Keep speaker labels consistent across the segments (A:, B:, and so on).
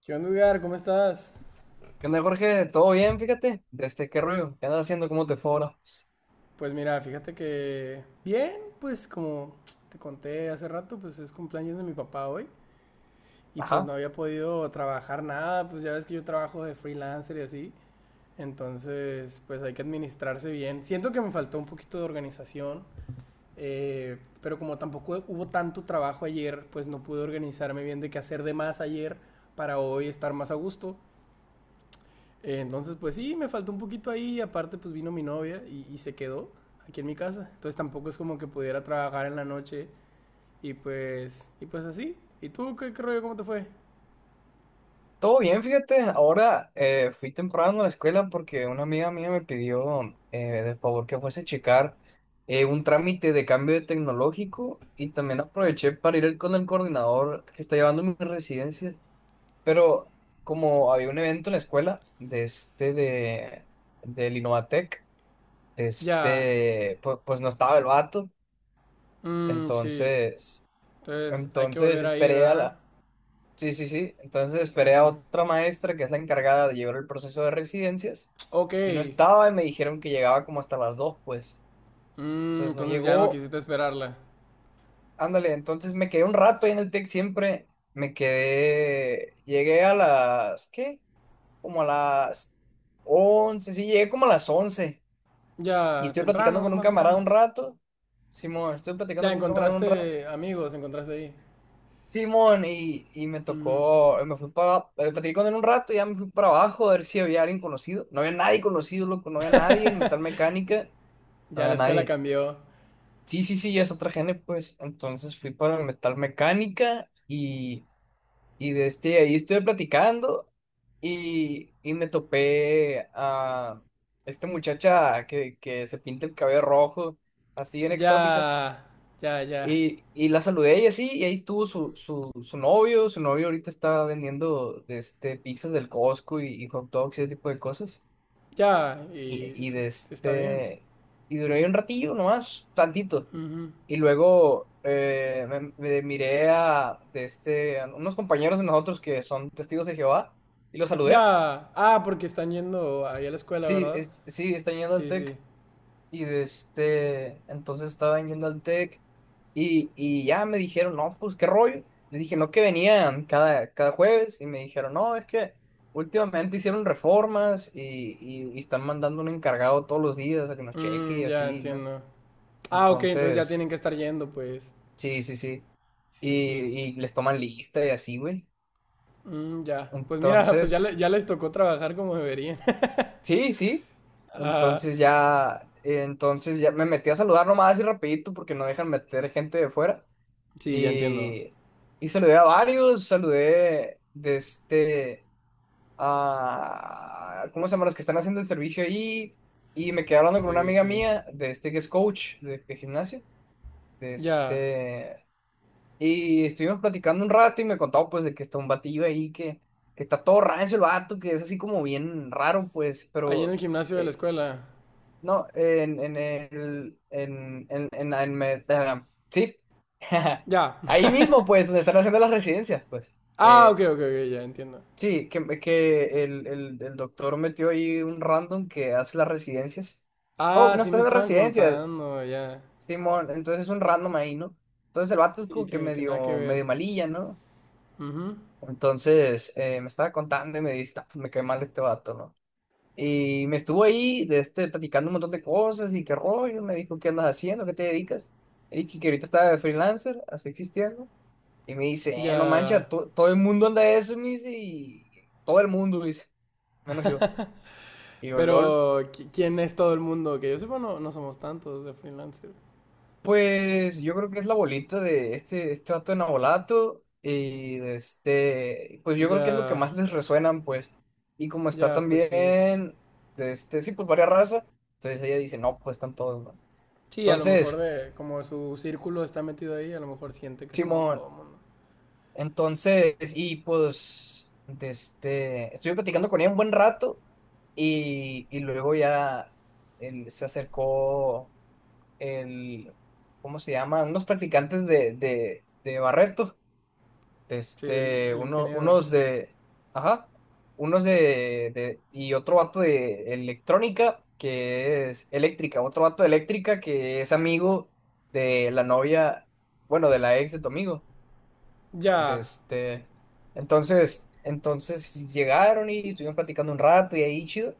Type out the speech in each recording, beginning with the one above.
A: ¿Qué onda, Edgar? ¿Cómo estás?
B: ¿Qué onda, Jorge? ¿Todo bien? Fíjate, desde qué rollo, ¿qué andas haciendo? ¿Cómo te fue ahora?
A: Pues mira, fíjate que bien, pues como te conté hace rato, pues es cumpleaños de mi papá hoy y pues no
B: Ajá,
A: había podido trabajar nada, pues ya ves que yo trabajo de freelancer y así, entonces pues hay que administrarse bien. Siento que me faltó un poquito de organización, pero como tampoco hubo tanto trabajo ayer, pues no pude organizarme bien de qué hacer de más ayer para hoy estar más a gusto. Entonces, pues sí, me faltó un poquito ahí. Aparte, pues vino mi novia y se quedó aquí en mi casa. Entonces tampoco es como que pudiera trabajar en la noche y pues así. ¿Y tú qué, qué rollo? ¿Cómo te fue?
B: todo bien, fíjate. Ahora fui temprano a la escuela porque una amiga mía me pidió eh, de favor que fuese a checar un trámite de cambio de tecnológico y también aproveché para ir con el coordinador que está llevando mi residencia. Pero como había un evento en la escuela de este de del Innovatec, de
A: Ya.
B: este, pues no estaba el vato,
A: Mm, sí.
B: entonces.
A: Entonces hay que
B: Entonces
A: volver a ir,
B: esperé a
A: ¿verdad?
B: la... Sí, sí, sí. Entonces esperé a
A: Ujú.
B: otra maestra que es la encargada de llevar el proceso de residencias
A: Ok.
B: y no estaba y me dijeron que llegaba como hasta las 2, pues.
A: Mm,
B: Entonces no
A: entonces ya no
B: llegó.
A: quisiste esperarla.
B: Ándale, entonces me quedé un rato ahí en el TEC siempre. Llegué a las... ¿Qué? Como a las 11. Sí, llegué como a las 11. Y
A: Ya,
B: estoy platicando
A: temprano,
B: con un
A: más o
B: camarada un
A: menos.
B: rato. Simón, estoy platicando
A: Ya
B: con un camarada un rato.
A: encontraste amigos, encontraste ahí.
B: Simón, y me
A: Ujú.
B: tocó, me fui para, platiqué con él un rato, ya me fui para abajo a ver si había alguien conocido. No había nadie conocido, loco, no había nadie en metal mecánica, no
A: Ya la
B: había
A: escuela
B: nadie.
A: cambió.
B: Sí, sí, sí, ya es otra gene, pues. Entonces fui para metal mecánica y de este, ahí estuve platicando y me topé a esta muchacha que se pinta el cabello rojo, así bien exótica.
A: Ya, ya, ya.
B: Y la saludé y así, y ahí estuvo su novio ahorita está vendiendo de este, pizzas del Costco y hot dogs y ese tipo de cosas.
A: Ya, y
B: Y
A: su-
B: de
A: está bien.
B: este, y duré ahí un ratillo nomás, tantito.
A: Ujú.
B: Y luego me miré a, de este, a unos compañeros de nosotros que son testigos de Jehová y los saludé.
A: Ya. Ah, porque están yendo ahí a la escuela,
B: Sí,
A: ¿verdad?
B: es- sí, están yendo al
A: Sí, sí.
B: TEC. Y de este, entonces estaban yendo al TEC y ya me dijeron, no, pues qué rollo. Le dije, no, que venían cada jueves y me dijeron, no, es que últimamente hicieron reformas y están mandando un encargado todos los días a que nos cheque
A: Mm,
B: y
A: ya
B: así, ¿no?
A: entiendo. Ah, ok, entonces ya
B: Entonces,
A: tienen que estar yendo, pues.
B: sí, sí, sí. Y,
A: Sí, sí.
B: y les toman lista y así, güey.
A: Mm, ya. Pues mira, pues ya,
B: Entonces,
A: le- ya les tocó trabajar como deberían.
B: sí, sí.
A: Ah,
B: Entonces ya me metí a saludar nomás y rapidito porque no dejan meter gente de fuera.
A: sí, ya entiendo.
B: Y, y saludé a varios, saludé de este a ¿cómo se llaman los que están haciendo el servicio ahí? Y me quedé hablando con una
A: Sí,
B: amiga
A: sí.
B: mía de este que es coach de gimnasio. De
A: Ya.
B: este, y estuvimos platicando un rato y me contaba pues de que está un batillo ahí que está todo rancio el vato, que es así como bien raro, pues,
A: Ahí en
B: pero
A: el gimnasio de la
B: eh,
A: escuela.
B: no, en el, en me- ah, sí,
A: Ya.
B: ahí mismo, pues, donde están haciendo las residencias, pues.
A: Ah, ok,
B: Eh,
A: ok, ok, ya entiendo.
B: sí, que el doctor metió ahí un random que hace las residencias. Oh,
A: Ah,
B: no
A: sí
B: está
A: me
B: haciendo
A: estaban
B: residencias,
A: contando, ya.
B: Simón, entonces es un random ahí, ¿no? Entonces el vato es
A: Sí,
B: como que
A: que nada que
B: medio,
A: ver.
B: medio malilla, ¿no?
A: Ujú.
B: Entonces me estaba contando y me dice, "No, pues, me cae mal este vato, ¿no?" Y me estuvo ahí de este, platicando un montón de cosas y qué rollo. Me dijo, ¿qué andas haciendo? ¿Qué te dedicas? Le dije que ahorita estaba de freelancer, así existiendo. Y me dice, no
A: Ya.
B: mancha, todo el mundo anda de eso, me dice, y todo el mundo, dice, menos yo. Y yo, lol.
A: Pero, ¿qui- ¿quién es todo el mundo? Que yo sepa, no, no somos tantos de freelancer.
B: Pues yo creo que es la bolita de este, este vato de Nabolato. Y de este, pues yo creo que es lo que
A: Ya,
B: más les resuenan, pues. Y como está
A: ya, pues sí.
B: también, de este, sí, pues varias razas. Entonces ella dice, no, pues están todos, ¿no?
A: Sí, a lo mejor
B: Entonces.
A: de, como su círculo está metido ahí, a lo mejor siente que son
B: Simón,
A: todo el mundo.
B: entonces, y pues, de este, estuve platicando con ella un buen rato y luego ya él, se acercó el, ¿cómo se llama? Unos practicantes de Barreto, de
A: Sí,
B: este,
A: el ingeniero.
B: unos de, ajá, unos de, y otro vato de electrónica que es eléctrica, otro vato de eléctrica que es amigo de la novia, bueno, de la ex de tu amigo. De
A: Ya.
B: este, entonces llegaron y estuvimos platicando un rato y ahí chido.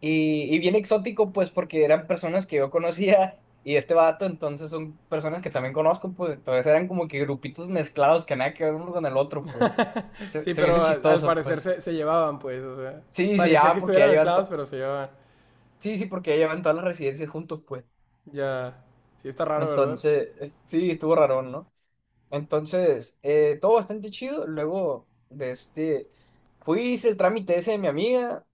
B: Y bien exótico, pues, porque eran personas que yo conocía y este vato, entonces son personas que también conozco, pues, entonces eran como que grupitos mezclados que nada que ver uno con el otro, pues. Se,
A: Sí,
B: se me hizo
A: pero al, al
B: chistoso,
A: parecer
B: pues.
A: se, se llevaban, pues, o sea.
B: Sí, se
A: Parecía que
B: llaman porque ya
A: estuvieran
B: llevan,
A: mezclados, pero se llevaban.
B: sí, sí, porque ya llevan todas las residencias juntos, pues.
A: Ya. Sí, está raro, ¿verdad?
B: Entonces, sí, estuvo raro, ¿no? Entonces, todo bastante chido. Luego de este, fui, hice el trámite ese de mi amiga.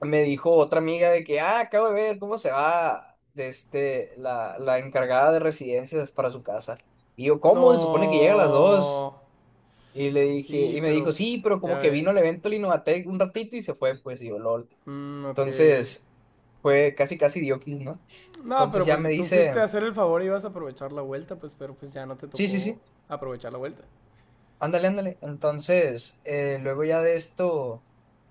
B: Me dijo otra amiga de que, ah, acabo de ver cómo se va de este, la encargada de residencias para su casa. Y yo, ¿cómo? Se supone que llega a las 2.
A: No.
B: Y le dije,
A: Sí,
B: y me
A: pero
B: dijo, sí,
A: pues,
B: pero como
A: ya
B: que vino al
A: ves.
B: evento del Innovatec un ratito y se fue, pues, y yo, lol.
A: Mm, ok.
B: Entonces, fue casi, casi dioquis, ¿no?
A: No,
B: Entonces
A: pero
B: ya
A: pues
B: me
A: si tú fuiste
B: dice,
A: a hacer el favor y ibas a aprovechar la vuelta, pues pero pues ya no te
B: sí, sí,
A: tocó
B: sí.
A: aprovechar la vuelta.
B: Ándale, ándale. Entonces, luego ya de esto,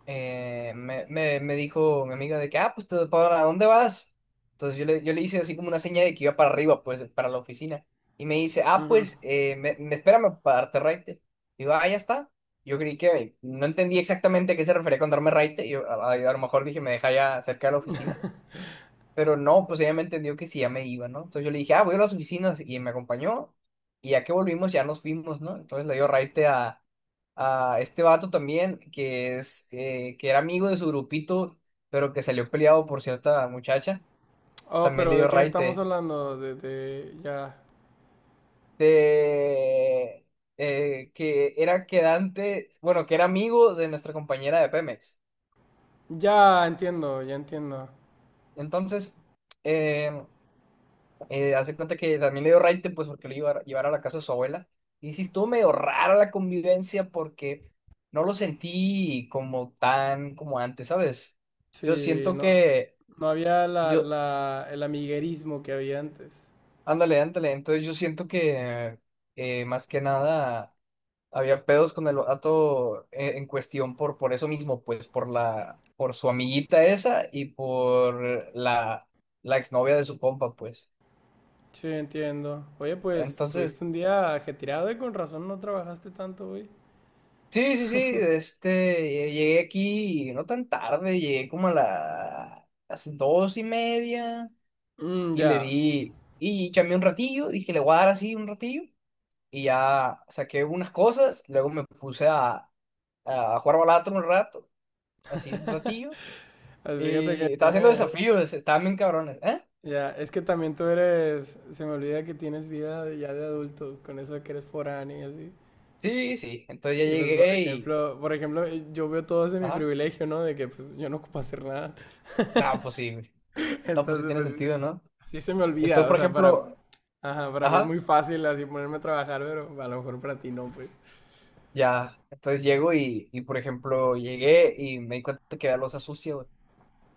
B: me dijo mi amiga de que, ah, pues, ¿para dónde vas? Entonces yo le hice así como una seña de que iba para arriba, pues, para la oficina. Y me dice, ah,
A: Ujú.
B: pues, espérame para darte raite. Digo, ah, ya está. Yo creí que no entendí exactamente a qué se refería con darme raite. Yo, a lo mejor dije, me deja ya cerca de la oficina. Pero no, pues ella me entendió que sí, ya me iba, ¿no? Entonces yo le dije, ah, voy a las oficinas y me acompañó. Y ya que volvimos, ya nos fuimos, ¿no? Entonces le dio raite a este vato también, que es, que era amigo de su grupito, pero que salió peleado por cierta muchacha.
A: Oh,
B: También le
A: pero ¿de
B: dio
A: quién estamos
B: raite
A: hablando? De- ya.
B: de, que era quedante, bueno, que era amigo de nuestra compañera de Pemex.
A: Ya entiendo, ya entiendo.
B: Entonces, em, hace cuenta que también le dio raite, pues porque lo iba a llevar a la casa de su abuela. Y sí estuvo medio rara la convivencia porque no lo sentí como tan como antes, ¿sabes? Yo
A: Sí,
B: siento
A: no,
B: que,
A: no había la,
B: yo,
A: la- el amiguerismo que había antes.
B: ándale, ándale, entonces yo siento que más que nada había pedos con el vato en cuestión por eso mismo, pues por su amiguita esa y por la exnovia de su compa, pues.
A: Sí, entiendo. Oye, pues
B: Entonces
A: tuviste un día ajetreado y con razón no trabajaste tanto hoy.
B: sí, sí, sí, este, llegué aquí no tan tarde, llegué como a las 2:30
A: Mm,
B: y le
A: ya.
B: di, y chamé un ratillo, dije, le voy a dar así un ratillo y ya saqué unas cosas, luego me puse a jugar balato un rato, así un ratillo,
A: Así fíjate que
B: y estaba haciendo
A: tienes.
B: desafíos, estaban bien cabrones, ¿eh?
A: Ya, es que también tú eres, se me olvida que tienes vida ya de adulto, con eso de que eres foráneo y así.
B: Sí, sí, entonces ya
A: Y pues
B: llegué y,
A: por ejemplo, yo veo todo ese mi
B: ajá,
A: privilegio, ¿no? De que pues yo no ocupo hacer nada.
B: no, pues sí, no, pues sí
A: Entonces,
B: tiene
A: pues sí,
B: sentido, ¿no?
A: sí se me olvida,
B: Entonces,
A: o
B: por
A: sea, para
B: ejemplo,
A: ajá, para mí es
B: ajá.
A: muy fácil así ponerme a trabajar, pero a lo mejor para ti no, pues.
B: Ya, entonces llego y, por ejemplo, llegué y me di cuenta que había loza sucia, güey.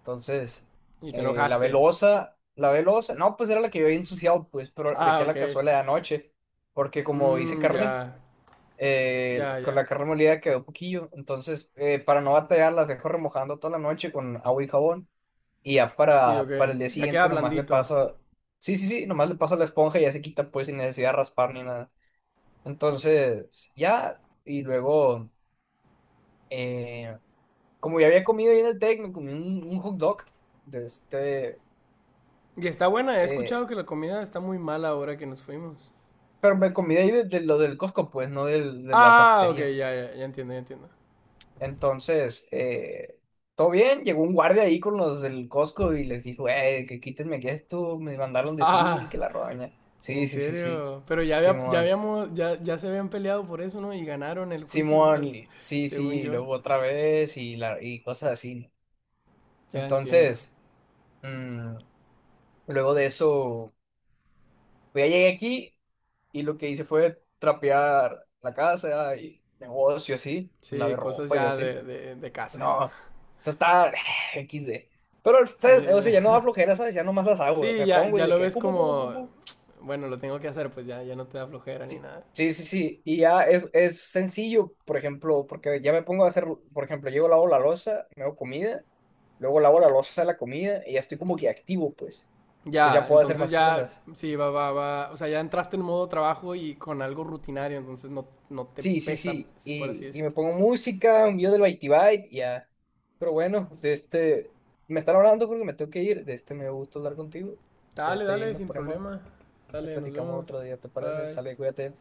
B: Entonces,
A: Y te
B: lavé
A: enojaste.
B: loza, lavé loza. No, pues era la que yo había ensuciado, pues, pero
A: Ah,
B: dejé
A: ok.
B: la cazuela de anoche, porque como hice
A: Mm,
B: carne,
A: ya, ya, ya.
B: con la carne molida quedó poquillo. Entonces, para no batallar, las dejo remojando toda la noche con agua y jabón. Y ya
A: Sí, ok.
B: para el día
A: Ya queda
B: siguiente nomás le
A: blandito.
B: paso, sí, sí, sí, nomás le paso la esponja y ya se quita, pues, sin necesidad de raspar ni nada. Entonces, ya, y luego eh, como ya había comido ahí en el Tec, me comí un hot dog de este,
A: Y está buena, he
B: eh,
A: escuchado que la comida está muy mala ahora que nos fuimos.
B: pero me comí de ahí de lo del Costco, pues, no de la
A: Ah, ok,
B: cafetería.
A: ya, ya, ya entiendo, ya entiendo.
B: Entonces, todo bien, llegó un guardia ahí con los del Costco y les dijo, que quítenme aquí esto, me mandaron decir y
A: Ah,
B: que la roña. Sí,
A: en
B: sí, sí, sí,
A: serio. Pero ya, había- ya
B: Simón,
A: habíamos, ya, ya se habían peleado por eso, ¿no? Y ganaron el juicio,
B: Simón,
A: al-
B: sí, sí,
A: según
B: y
A: yo.
B: luego otra vez y cosas así.
A: Ya entiendo.
B: Entonces, mm, luego de eso, pues ya llegué aquí. Y lo que hice fue trapear la casa y negocio así,
A: Sí,
B: lavé
A: cosas
B: ropa y
A: ya
B: así.
A: de casa.
B: No, eso está XD. Pero,
A: A mí,
B: ¿sabes? O sea, ya no da flojera, ¿sabes? Ya nomás las hago,
A: sí,
B: me
A: ya,
B: pongo y
A: ya
B: de
A: lo
B: que,
A: ves
B: pum, pum, pum, pum,
A: como,
B: pum, pum.
A: bueno, lo tengo que hacer, pues ya, ya no te da flojera ni
B: Sí,
A: nada.
B: sí, sí, sí. Y ya es sencillo, por ejemplo, porque ya me pongo a hacer, por ejemplo, llego, lavo la loza, me hago comida, luego lavo la loza de la comida y ya estoy como que activo, pues. Entonces ya
A: Ya,
B: puedo hacer
A: entonces
B: más
A: ya,
B: cosas.
A: sí, va, va, va. O sea, ya entraste en modo trabajo y con algo rutinario, entonces no, no te
B: Sí, sí,
A: pesa,
B: sí.
A: pues, por así
B: Y me
A: decirlo.
B: pongo música, un video del Bitey Byte, y ya. Pero bueno, de este, me están hablando porque me tengo que ir. De este me gusta hablar contigo. De
A: Dale,
B: este y
A: dale,
B: nos
A: sin
B: ponemos,
A: problema. Dale, nos
B: platicamos
A: vemos.
B: otro día, ¿te parece?
A: Bye.
B: Sale, cuídate.